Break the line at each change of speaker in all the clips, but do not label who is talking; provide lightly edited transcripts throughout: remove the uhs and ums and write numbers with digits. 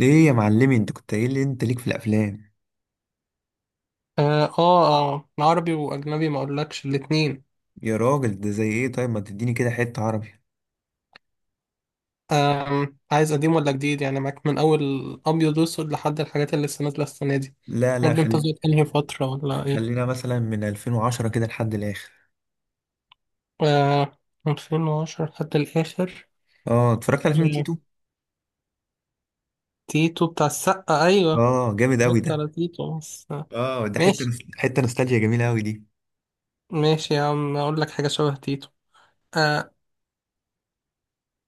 ايه يا معلمي، انت كنت قايل لي انت ليك في الافلام.
اه اه، عربي واجنبي ما اقولكش الاتنين.
يا راجل ده زي ايه؟ طيب ما تديني كده حتة عربي.
عايز قديم ولا جديد؟ يعني معاك من اول ابيض واسود لحد الحاجات اللي لسه نازله السنه دي.
لا لا
قول لي انت
خل...
زهقت انهي فتره ولا ايه؟
خلينا مثلا من 2010 كده لحد الاخر.
آه، 2010 لحد الاخر.
اه، اتفرجت على فيلم
آه،
تيتو.
تيتو بتاع السقا، ايوه.
اه جامد قوي
اتفرجت
ده.
على تيتو بس.
اه ده
ماشي،
حتة نوستالجيا جميلة قوي دي.
ماشي يا عم، اقول لك حاجه شبه تيتو. آه.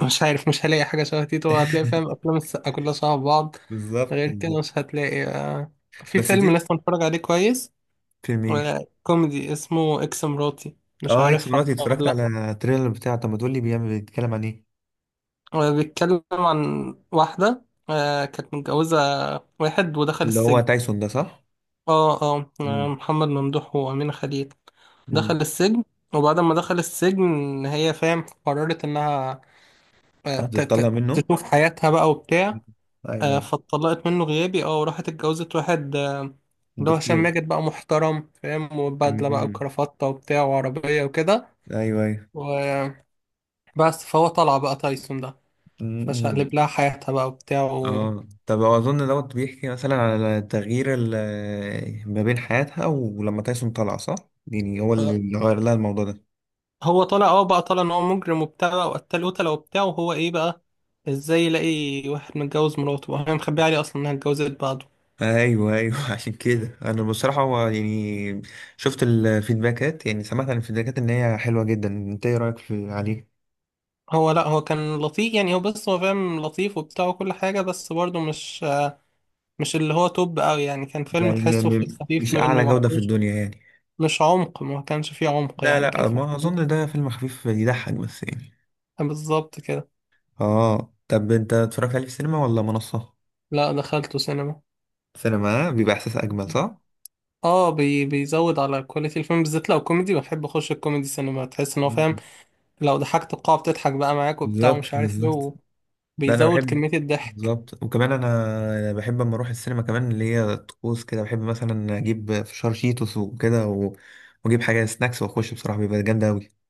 مش عارف، مش هلاقي حاجه شبه تيتو، هتلاقي فاهم افلام السقا كلها شبه بعض.
بالظبط
غير كده
بالظبط.
مش هتلاقي. في
بس
فيلم
تيتو.
لسه متفرج عليه كويس،
فيلم ايه؟
ولا كوميدي اسمه اكس مراتي، مش
اه اكس
عارف
مراتي،
عارفه ولا
اتفرجت
لا؟
على التريلر بتاعه. طب ما تقول لي بيعمل، بيتكلم عن ايه؟
هو بيتكلم عن واحدة، كانت متجوزة واحد ودخل
اللي هو
السجن.
تايسون ده، صح؟
اه اه،
امم
محمد ممدوح وأمينة خليل.
امم.
دخل السجن، وبعد ما دخل السجن هي فاهم قررت انها
هتطلع منه.
تشوف حياتها بقى وبتاع.
ايوه ايوه.
فاتطلقت منه غيابي وراحت اتجوزت واحد، اللي هو هشام
الدكتور.
ماجد بقى محترم فاهم وبدلة بقى
امم
وكرافتة وبتاع وعربية وكده.
ايوه ايوه.
بس فهو طلع بقى تايسون ده.
مم.
فشقلب لها حياتها بقى وبتاع.
اه، طب اظن دوت بيحكي مثلا على تغيير ما بين حياتها ولما تايسون طلع، صح؟ يعني هو
آه،
اللي غير لها الموضوع ده.
هو طلع بقى طلع ان هو مجرم وبتاع بقى وقتل قتلة وبتاع وهو ايه بقى، ازاي يلاقي واحد متجوز مراته وهي مخبيه عليه اصلا انها اتجوزت بعده.
ايوه ايوه. عشان كده انا بصراحه، هو يعني شفت الفيدباكات، يعني سمعت عن الفيدباكات ان هي حلوه جدا. انت ايه رايك في عليه؟
هو لا، هو كان لطيف يعني. هو بس هو فاهم لطيف وبتاع وكل حاجة، بس برضه مش اللي هو توب قوي يعني، كان فيلم
يعني م
تحسه في
م
الخفيف
مش
منه،
اعلى جوده في
مفهوش
الدنيا يعني.
مش عمق، ما كانش فيه عمق
لا
يعني، كان
لا،
في
ما
الخفيف.
اظن ده فيلم خفيف يضحك بس يعني.
بالظبط كده.
اه، طب انت اتفرجت عليه في السينما ولا منصه؟
لا، دخلته سينما.
سينما بيبقى احساس اجمل، صح؟
اه، بي بيزود على كواليتي الفيلم، بالذات لو كوميدي، بحب اخش الكوميدي سينما، تحس ان هو فاهم لو ضحكت القاعة بتضحك بقى معاك وبتاع
بالظبط
ومش عارف
بالظبط.
ايه،
ده انا
وبيزود
بحب.
كمية الضحك.
بالظبط. وكمان انا بحب اما اروح السينما كمان اللي هي طقوس كده. بحب مثلا اجيب فشار، شيتوس، وكده، واجيب حاجه سناكس واخش، بصراحه بيبقى جامد قوي.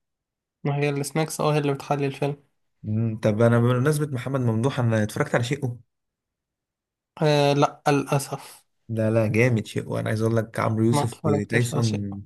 ما هي السناكس، اه، هي اللي بتحلي الفيلم.
طب انا، بمناسبه محمد ممدوح، انا اتفرجت على شيء.
آه لا، للأسف
لا لا، جامد شيء. وانا عايز اقول لك عمرو
ما
يوسف
اتفرجتش على شيء.
وتايسون.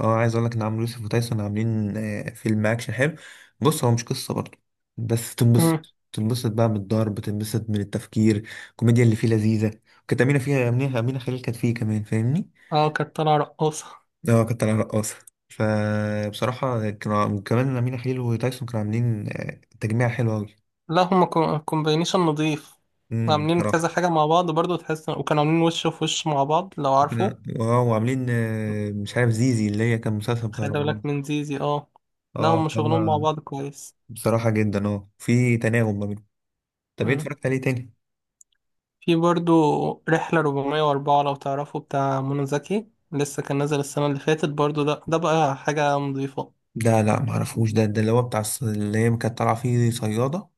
اه عايز اقول لك ان عمرو يوسف وتايسون عاملين فيلم اكشن حلو. بص، هو مش قصه برضه، بس
مم.
تنبسط. تنبسط بقى من الضرب، تنبسط من التفكير، الكوميديا اللي فيه لذيذه. كانت امينه فيها، امينه خليل كانت فيه كمان، فاهمني؟
اه، كانت طالعة رقاصة.
اه كانت رقاصه. فبصراحه كانوا كمان امينه خليل وتايسون كانوا عاملين تجميع حلو قوي.
لا، هما كومبينيشن نضيف. عاملين
بصراحه.
كذا حاجة مع بعض برضو، تحس وكانوا عاملين وش في وش مع بعض لو عارفه.
اه، وعاملين مش عارف زيزي اللي هي كان مسلسل بتاع
خلي
رمضان.
بالك من زيزي، اه. لا،
اه
هما شغلهم مع
هما.
بعض كويس.
بصراحة جدا، اه في تناغم ما بينهم. طب ايه اتفرجت عليه تاني؟
في برضو رحلة 404، لو تعرفوا، بتاع منى زكي، لسه كان نازل السنة اللي فاتت برضو، ده بقى حاجة نظيفة.
ده لا معرفوش، ده ده اللي هو اللي هي كانت طالعة فيه صيادة.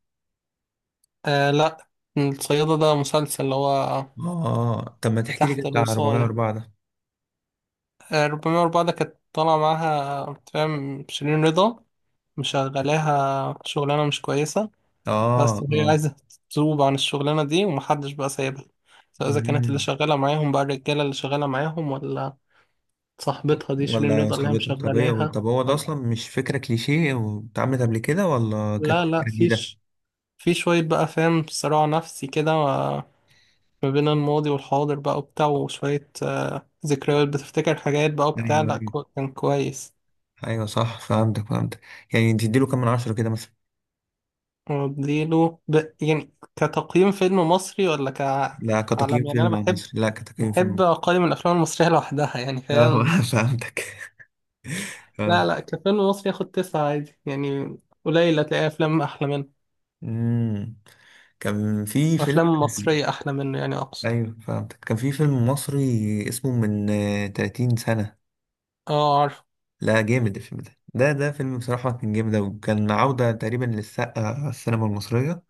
آه لا، الصيادة ده مسلسل اللي هو
اه طب ما تحكي لي كده
تحت
بتاع
الوصاية.
404 ده.
آه، 404 ده كانت طالعة معاها فاهم شيرين رضا، مشغلاها شغلانة مش كويسة.
اه
بس هي
اه.
عايزة تذوب عن الشغلانة دي، ومحدش بقى سايبها، سواء إذا كانت اللي
مم.
شغالة معاهم بقى الرجالة اللي شغالة معاهم ولا صاحبتها دي شيرين
ولا
رضا اللي هي
صاحبتك. طب ايه،
مشغلاها.
طب هو ده
ولا
اصلا مش فكرة كليشيه واتعملت قبل كده ولا
لا
كانت
لا
فكرة جديدة؟
فيش. في شوية بقى فاهم صراع نفسي كده، ما بين الماضي والحاضر بقى وبتاع، وشوية، ذكريات بتفتكر حاجات بقى وبتاع.
ايوه
لا،
ايوه.
كان كويس.
ايوه صح، فهمتك فهمتك. يعني تديله كام من عشرة كده مثلا؟
واديله ب... يعني كتقييم فيلم مصري ولا
لا كتقييم
كعالم يعني؟ أنا
فيلم على
بحب
مصر، لا كتقييم فيلم مصر.
أقيم الأفلام المصرية لوحدها يعني
اه
فاهم.
فهمتك. آه.
لا لا، كفيلم مصري ياخد 9 عادي يعني، قليل هتلاقي أفلام أحلى منه،
مم. كان في فيلم.
أفلام مصرية أحلى منه يعني أقصد.
ايوه فهمتك، كان في فيلم مصري اسمه من 30 سنة.
اه عارف.
لا جامد الفيلم ده، ده فيلم بصراحة كان جامد أوي، كان عودة تقريبا للسقا على السينما المصرية.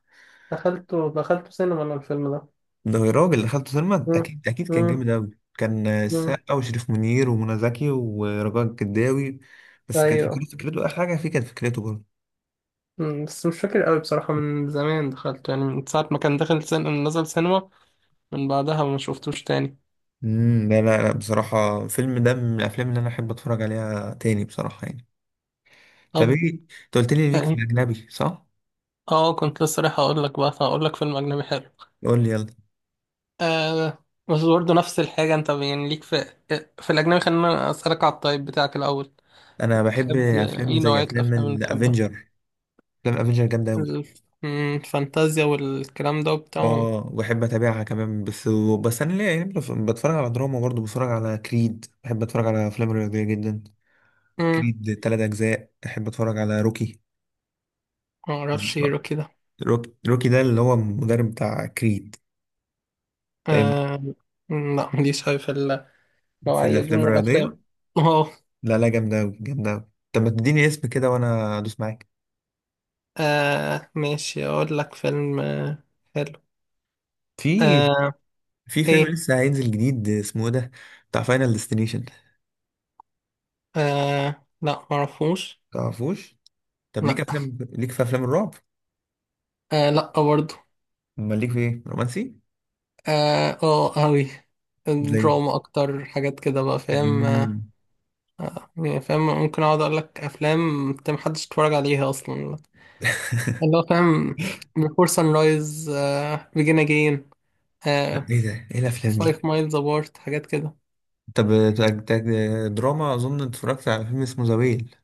دخلته سينما أنا الفيلم ده.
ده الراجل اللي دخلته سينما
مم.
أكيد أكيد، كان
مم.
جامد أوي. كان
مم.
السقا وشريف منير ومنى زكي ورجاء الجداوي. بس كانت
ايوه.
فكرته، آخر حاجة فيه كانت فكرته برضه.
مم. بس مش فاكر قوي بصراحة، من زمان دخلت يعني من ساعة ما كان داخل نزل سينما، من بعدها ما شفتوش تاني.
امم، لا لا لا، بصراحة الفيلم ده من الأفلام اللي أنا أحب أتفرج عليها تاني بصراحة يعني. طب
طب
ايه. انت قلت لي ليك في
يعني،
الاجنبي، صح؟
اه كنت لسه رايح اقول لك بقى، هقول لك فيلم اجنبي حلو.
قول لي يلا.
آه، بس برضه نفس الحاجة، انت يعني ليك في الاجنبي. خلينا اسألك على الطيب بتاعك الاول.
انا بحب
بتحب
افلام
ايه
زي
نوعية
افلام
الافلام اللي بتحبها؟
الافنجر. افلام الافنجر جامده قوي.
الفانتازيا والكلام ده وبتاع.
اه بحب اتابعها كمان، بس. بس انا ليه يعني، بتفرج على دراما برضه، بتفرج على كريد، بحب اتفرج على افلام رياضيه جدا.
مم،
كريد تلات اجزاء، بحب اتفرج على روكي.
ما اعرفش ايه كده.
روكي ده اللي هو المدرب بتاع كريد. فاهم.
آه لا، ماليش أوي في
في
نوعية دي
الافلام
من
الرياضيه.
الأفلام. أهو.
لا لا جامده قوي جامده قوي. طب ما تديني اسم كده وانا ادوس معاك.
آه، ماشي أقول لك فيلم حلو.
في
آه،
في فيلم
إيه؟
لسه هينزل جديد اسمه إيه ده، بتاع فاينل ديستنيشن.
آه لا، معرفوش.
تعرفوش؟ طب ليك
لا.
افلام، ليك في افلام الرعب؟
آه لا، برضه.
امال ليك في ايه، رومانسي؟
آه، أه أوي،
زي؟
دراما أكتر حاجات كده بقى فاهم. آه،
امم.
يعني فاهم ممكن أقعد أقول لك أفلام أنت محدش اتفرج عليها أصلا، اللي هو فاهم، Before Sunrise، آه، Begin Again،
لا
آه،
ايه ده، ايه الافلام
Five
دي؟
Miles Apart، حاجات كده.
طب. تاك- تاك- دراما، اظن اتفرجت على فيلم اسمه ذا ويل.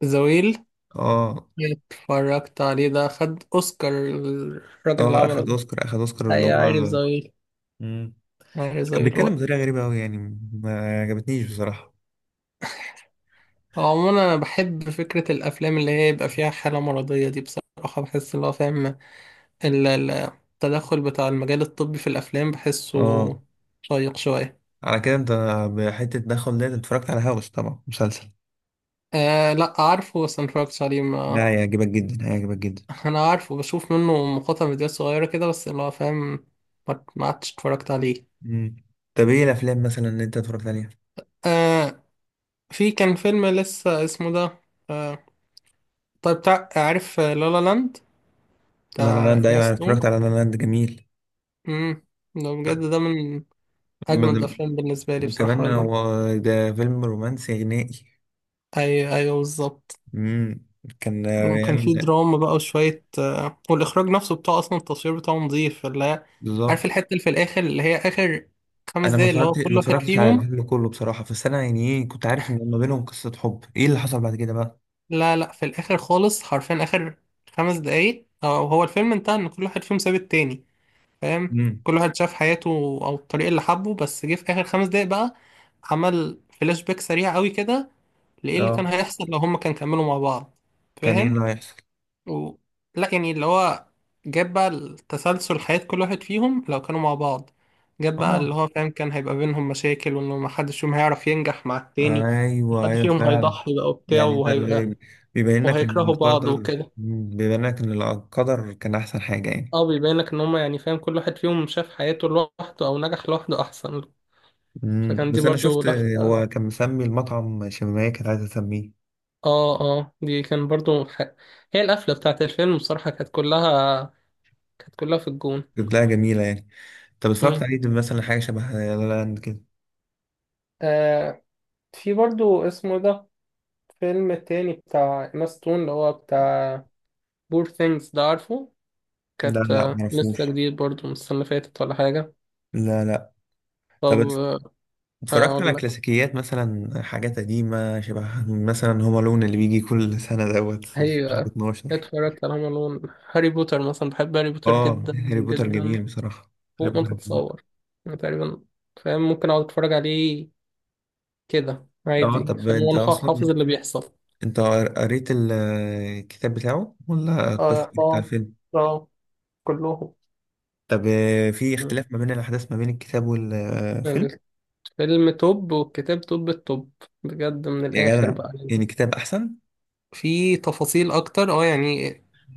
The Whale،
اه.
اتفرجت عليه ده، خد اوسكار الراجل اللي
اه
عمله
اخد
ده،
اوسكار، اخد اوسكار اللي
هي
هو.
عارف زويل،
مم.
عارف
بس كان
زويل.
بيتكلم
هو
بطريقه غريبه قوي يعني، ما عجبتنيش بصراحه.
هو عموما انا بحب فكره الافلام اللي هي يبقى فيها حاله مرضيه دي بصراحه، بحس اللي هو فاهم التدخل بتاع المجال الطبي في الافلام بحسه
اه
شيق شويه.
على كده انت، بحته تدخل ده. أنت اتفرجت على هاوس طبعا، مسلسل؟
آه لا، عارفه بس ما اتفرجتش عليه ما.
ده هيعجبك جدا هيعجبك جدا.
انا عارفه، بشوف منه مقاطع فيديوهات صغيره كده بس اللي هو فاهم، ما عدتش اتفرجت عليه.
مم. طب ايه الافلام مثلا اللي انت اتفرجت عليها؟
آه، في كان فيلم لسه اسمه ده آه، طيب بتاع عارف لا لا لاند،
لا لا
بتاع
لاند.
إيما
ايوه انا اتفرجت
ستون.
على لا لا لاند، جميل.
امم. ده بجد ده من أجمد
بد-
الأفلام بالنسبة لي بصراحة.
وكمان هو. ده فيلم رومانسي غنائي.
أي أيوه بالظبط.
امم. كان
وكان في
ريال.
دراما بقى وشوية، والإخراج نفسه بتاعه أصلا التصوير بتاعه نظيف اللي هي، عارف
بالظبط.
الحتة اللي في الآخر اللي هي آخر خمس
انا ما
دقايق اللي هو
اتفرجتش،
كل واحد
على
فيهم.
الفيلم كله بصراحه، بس انا يعني ايه، كنت عارف ان ما بينهم قصه حب. ايه اللي حصل بعد كده بقى؟
لا لا، في الآخر خالص حرفيا، آخر 5 دقايق، أو هو الفيلم انتهى إن كل واحد فيهم ساب التاني فاهم،
امم.
كل واحد شاف حياته او الطريق اللي حبه، بس جه في اخر 5 دقايق بقى، عمل فلاش باك سريع قوي كده لايه اللي كان
اه،
هيحصل لو هما كان كملوا مع بعض
كان ايه
فاهم
اللي هيحصل؟
و... لا يعني اللي هو، جاب بقى التسلسل حياة كل واحد فيهم لو كانوا مع بعض، جاب بقى
اه.
اللي هو فاهم كان هيبقى بينهم مشاكل وانه محدش فيهم هيعرف ينجح مع التاني،
ايوه
محد
ايوه
فيهم
فعلا.
هيضحي بقى وبتاع
يعني ده
وهيبقى
اللي بيبين لك ان
وهيكرهوا بعض
القدر.
وكده.
مم، بيبين لك ان القدر كان احسن حاجه يعني.
اه، بيبين لك ان هما يعني فاهم كل واحد فيهم شاف حياته لوحده او نجح لوحده احسن،
مم.
فكان دي
بس انا
برضو
شفت،
لفة.
هو كان مسمي المطعم شمامية، كانت عايزة تسميه.
اه اه، دي كان برضو هي القفلة بتاعت الفيلم بصراحة، كانت كلها في الجون.
كانت لها جميلة يعني. طب اتفرجت
مم.
عليه مثلا حاجة شبه لا لا لاند كده؟
آه، في برضو اسمه ده، فيلم تاني بتاع إيما ستون اللي هو بتاع بور ثينجز، ده عارفه؟
لا
كانت
لا
آه، لسه
معرفوش.
جديد برضو من السنة اللي فاتت ولا حاجة.
لا لا. طب
طب آه،
اتفرجت
أقول
على
لك
كلاسيكيات، مثلا حاجات قديمة شبه مثلا هوم الون اللي بيجي كل سنة دوت في
هي،
شهر 12؟
اتفرجت على هوم ألون، هاري بوتر مثلا، بحب هاري بوتر
اه.
جدا،
هاري بوتر
جدا
جميل بصراحة، هاري
فوق ما
بوتر جميل.
تتصور. أنا تقريبا فاهم ممكن أقعد أتفرج عليه كده
اه
عادي،
طب
خلينا
انت
انا
اصلا،
حافظ اللي بيحصل.
انت قريت الكتاب بتاعه ولا بس
اه
اتفرجت على
اه
الفيلم؟
اه. كلهم.
طب في
مم.
اختلاف ما بين الأحداث ما بين الكتاب والفيلم؟
الفيلم توب والكتاب توب التوب، بجد من
يا
الآخر
جدع.
بقى يعني.
يعني الكتاب أحسن.
في تفاصيل أكتر اه يعني،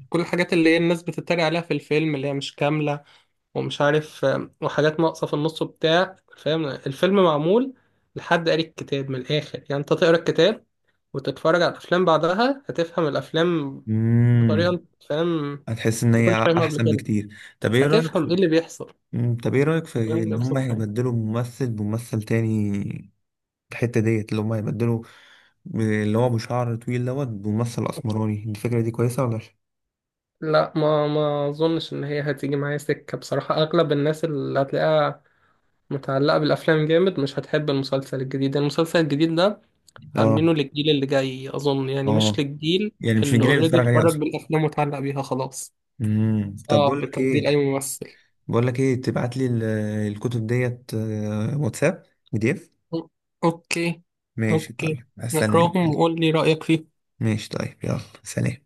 كل الحاجات اللي هي الناس بتتريق عليها في الفيلم اللي هي مش كاملة، ومش عارف، وحاجات ناقصة في النص وبتاع فاهم، الفيلم معمول لحد قاري الكتاب، من الآخر يعني أنت تقرا الكتاب وتتفرج على الأفلام بعدها هتفهم الأفلام بطريقة
امم.
أنت فاهم،
هتحس إن
ما
هي
كنتش فاهمها قبل
أحسن
كده،
بكتير. طب إيه رأيك
هتفهم
في.
ايه اللي بيحصل،
مم، طب إيه رأيك في
وتقول لي
إن هما
ابسط حاجه.
هيبدلوا ممثل بممثل تاني؟ الحتة ديت اللي هما هيبدلوا اللي هو بشعر طويل دوت بممثل أسمراني، الفكرة دي كويسة ولا
لا، ما اظنش ان هي هتيجي معايا سكه بصراحه، اغلب الناس اللي هتلاقيها متعلقه بالافلام جامد مش هتحب المسلسل الجديد، المسلسل الجديد ده
اه؟
عاملينه للجيل اللي جاي اظن يعني، مش
اه.
للجيل
يعني مش
اللي
الجيل اللي
اوريدي
اتفرج عليه
اتفرج
أصلا.
بالافلام واتعلق بيها خلاص.
امم. طب بقول
صعب
لك
تبديل
إيه،
اي ممثل.
بقول لك إيه، تبعت لي الكتب ديت واتساب PDF.
أو- اوكي.
ماشي
اوكي،
طيب، هستناك
نقراهم
يلا.
وقول لي رايك فيهم.
ماشي طيب، يلا سلام.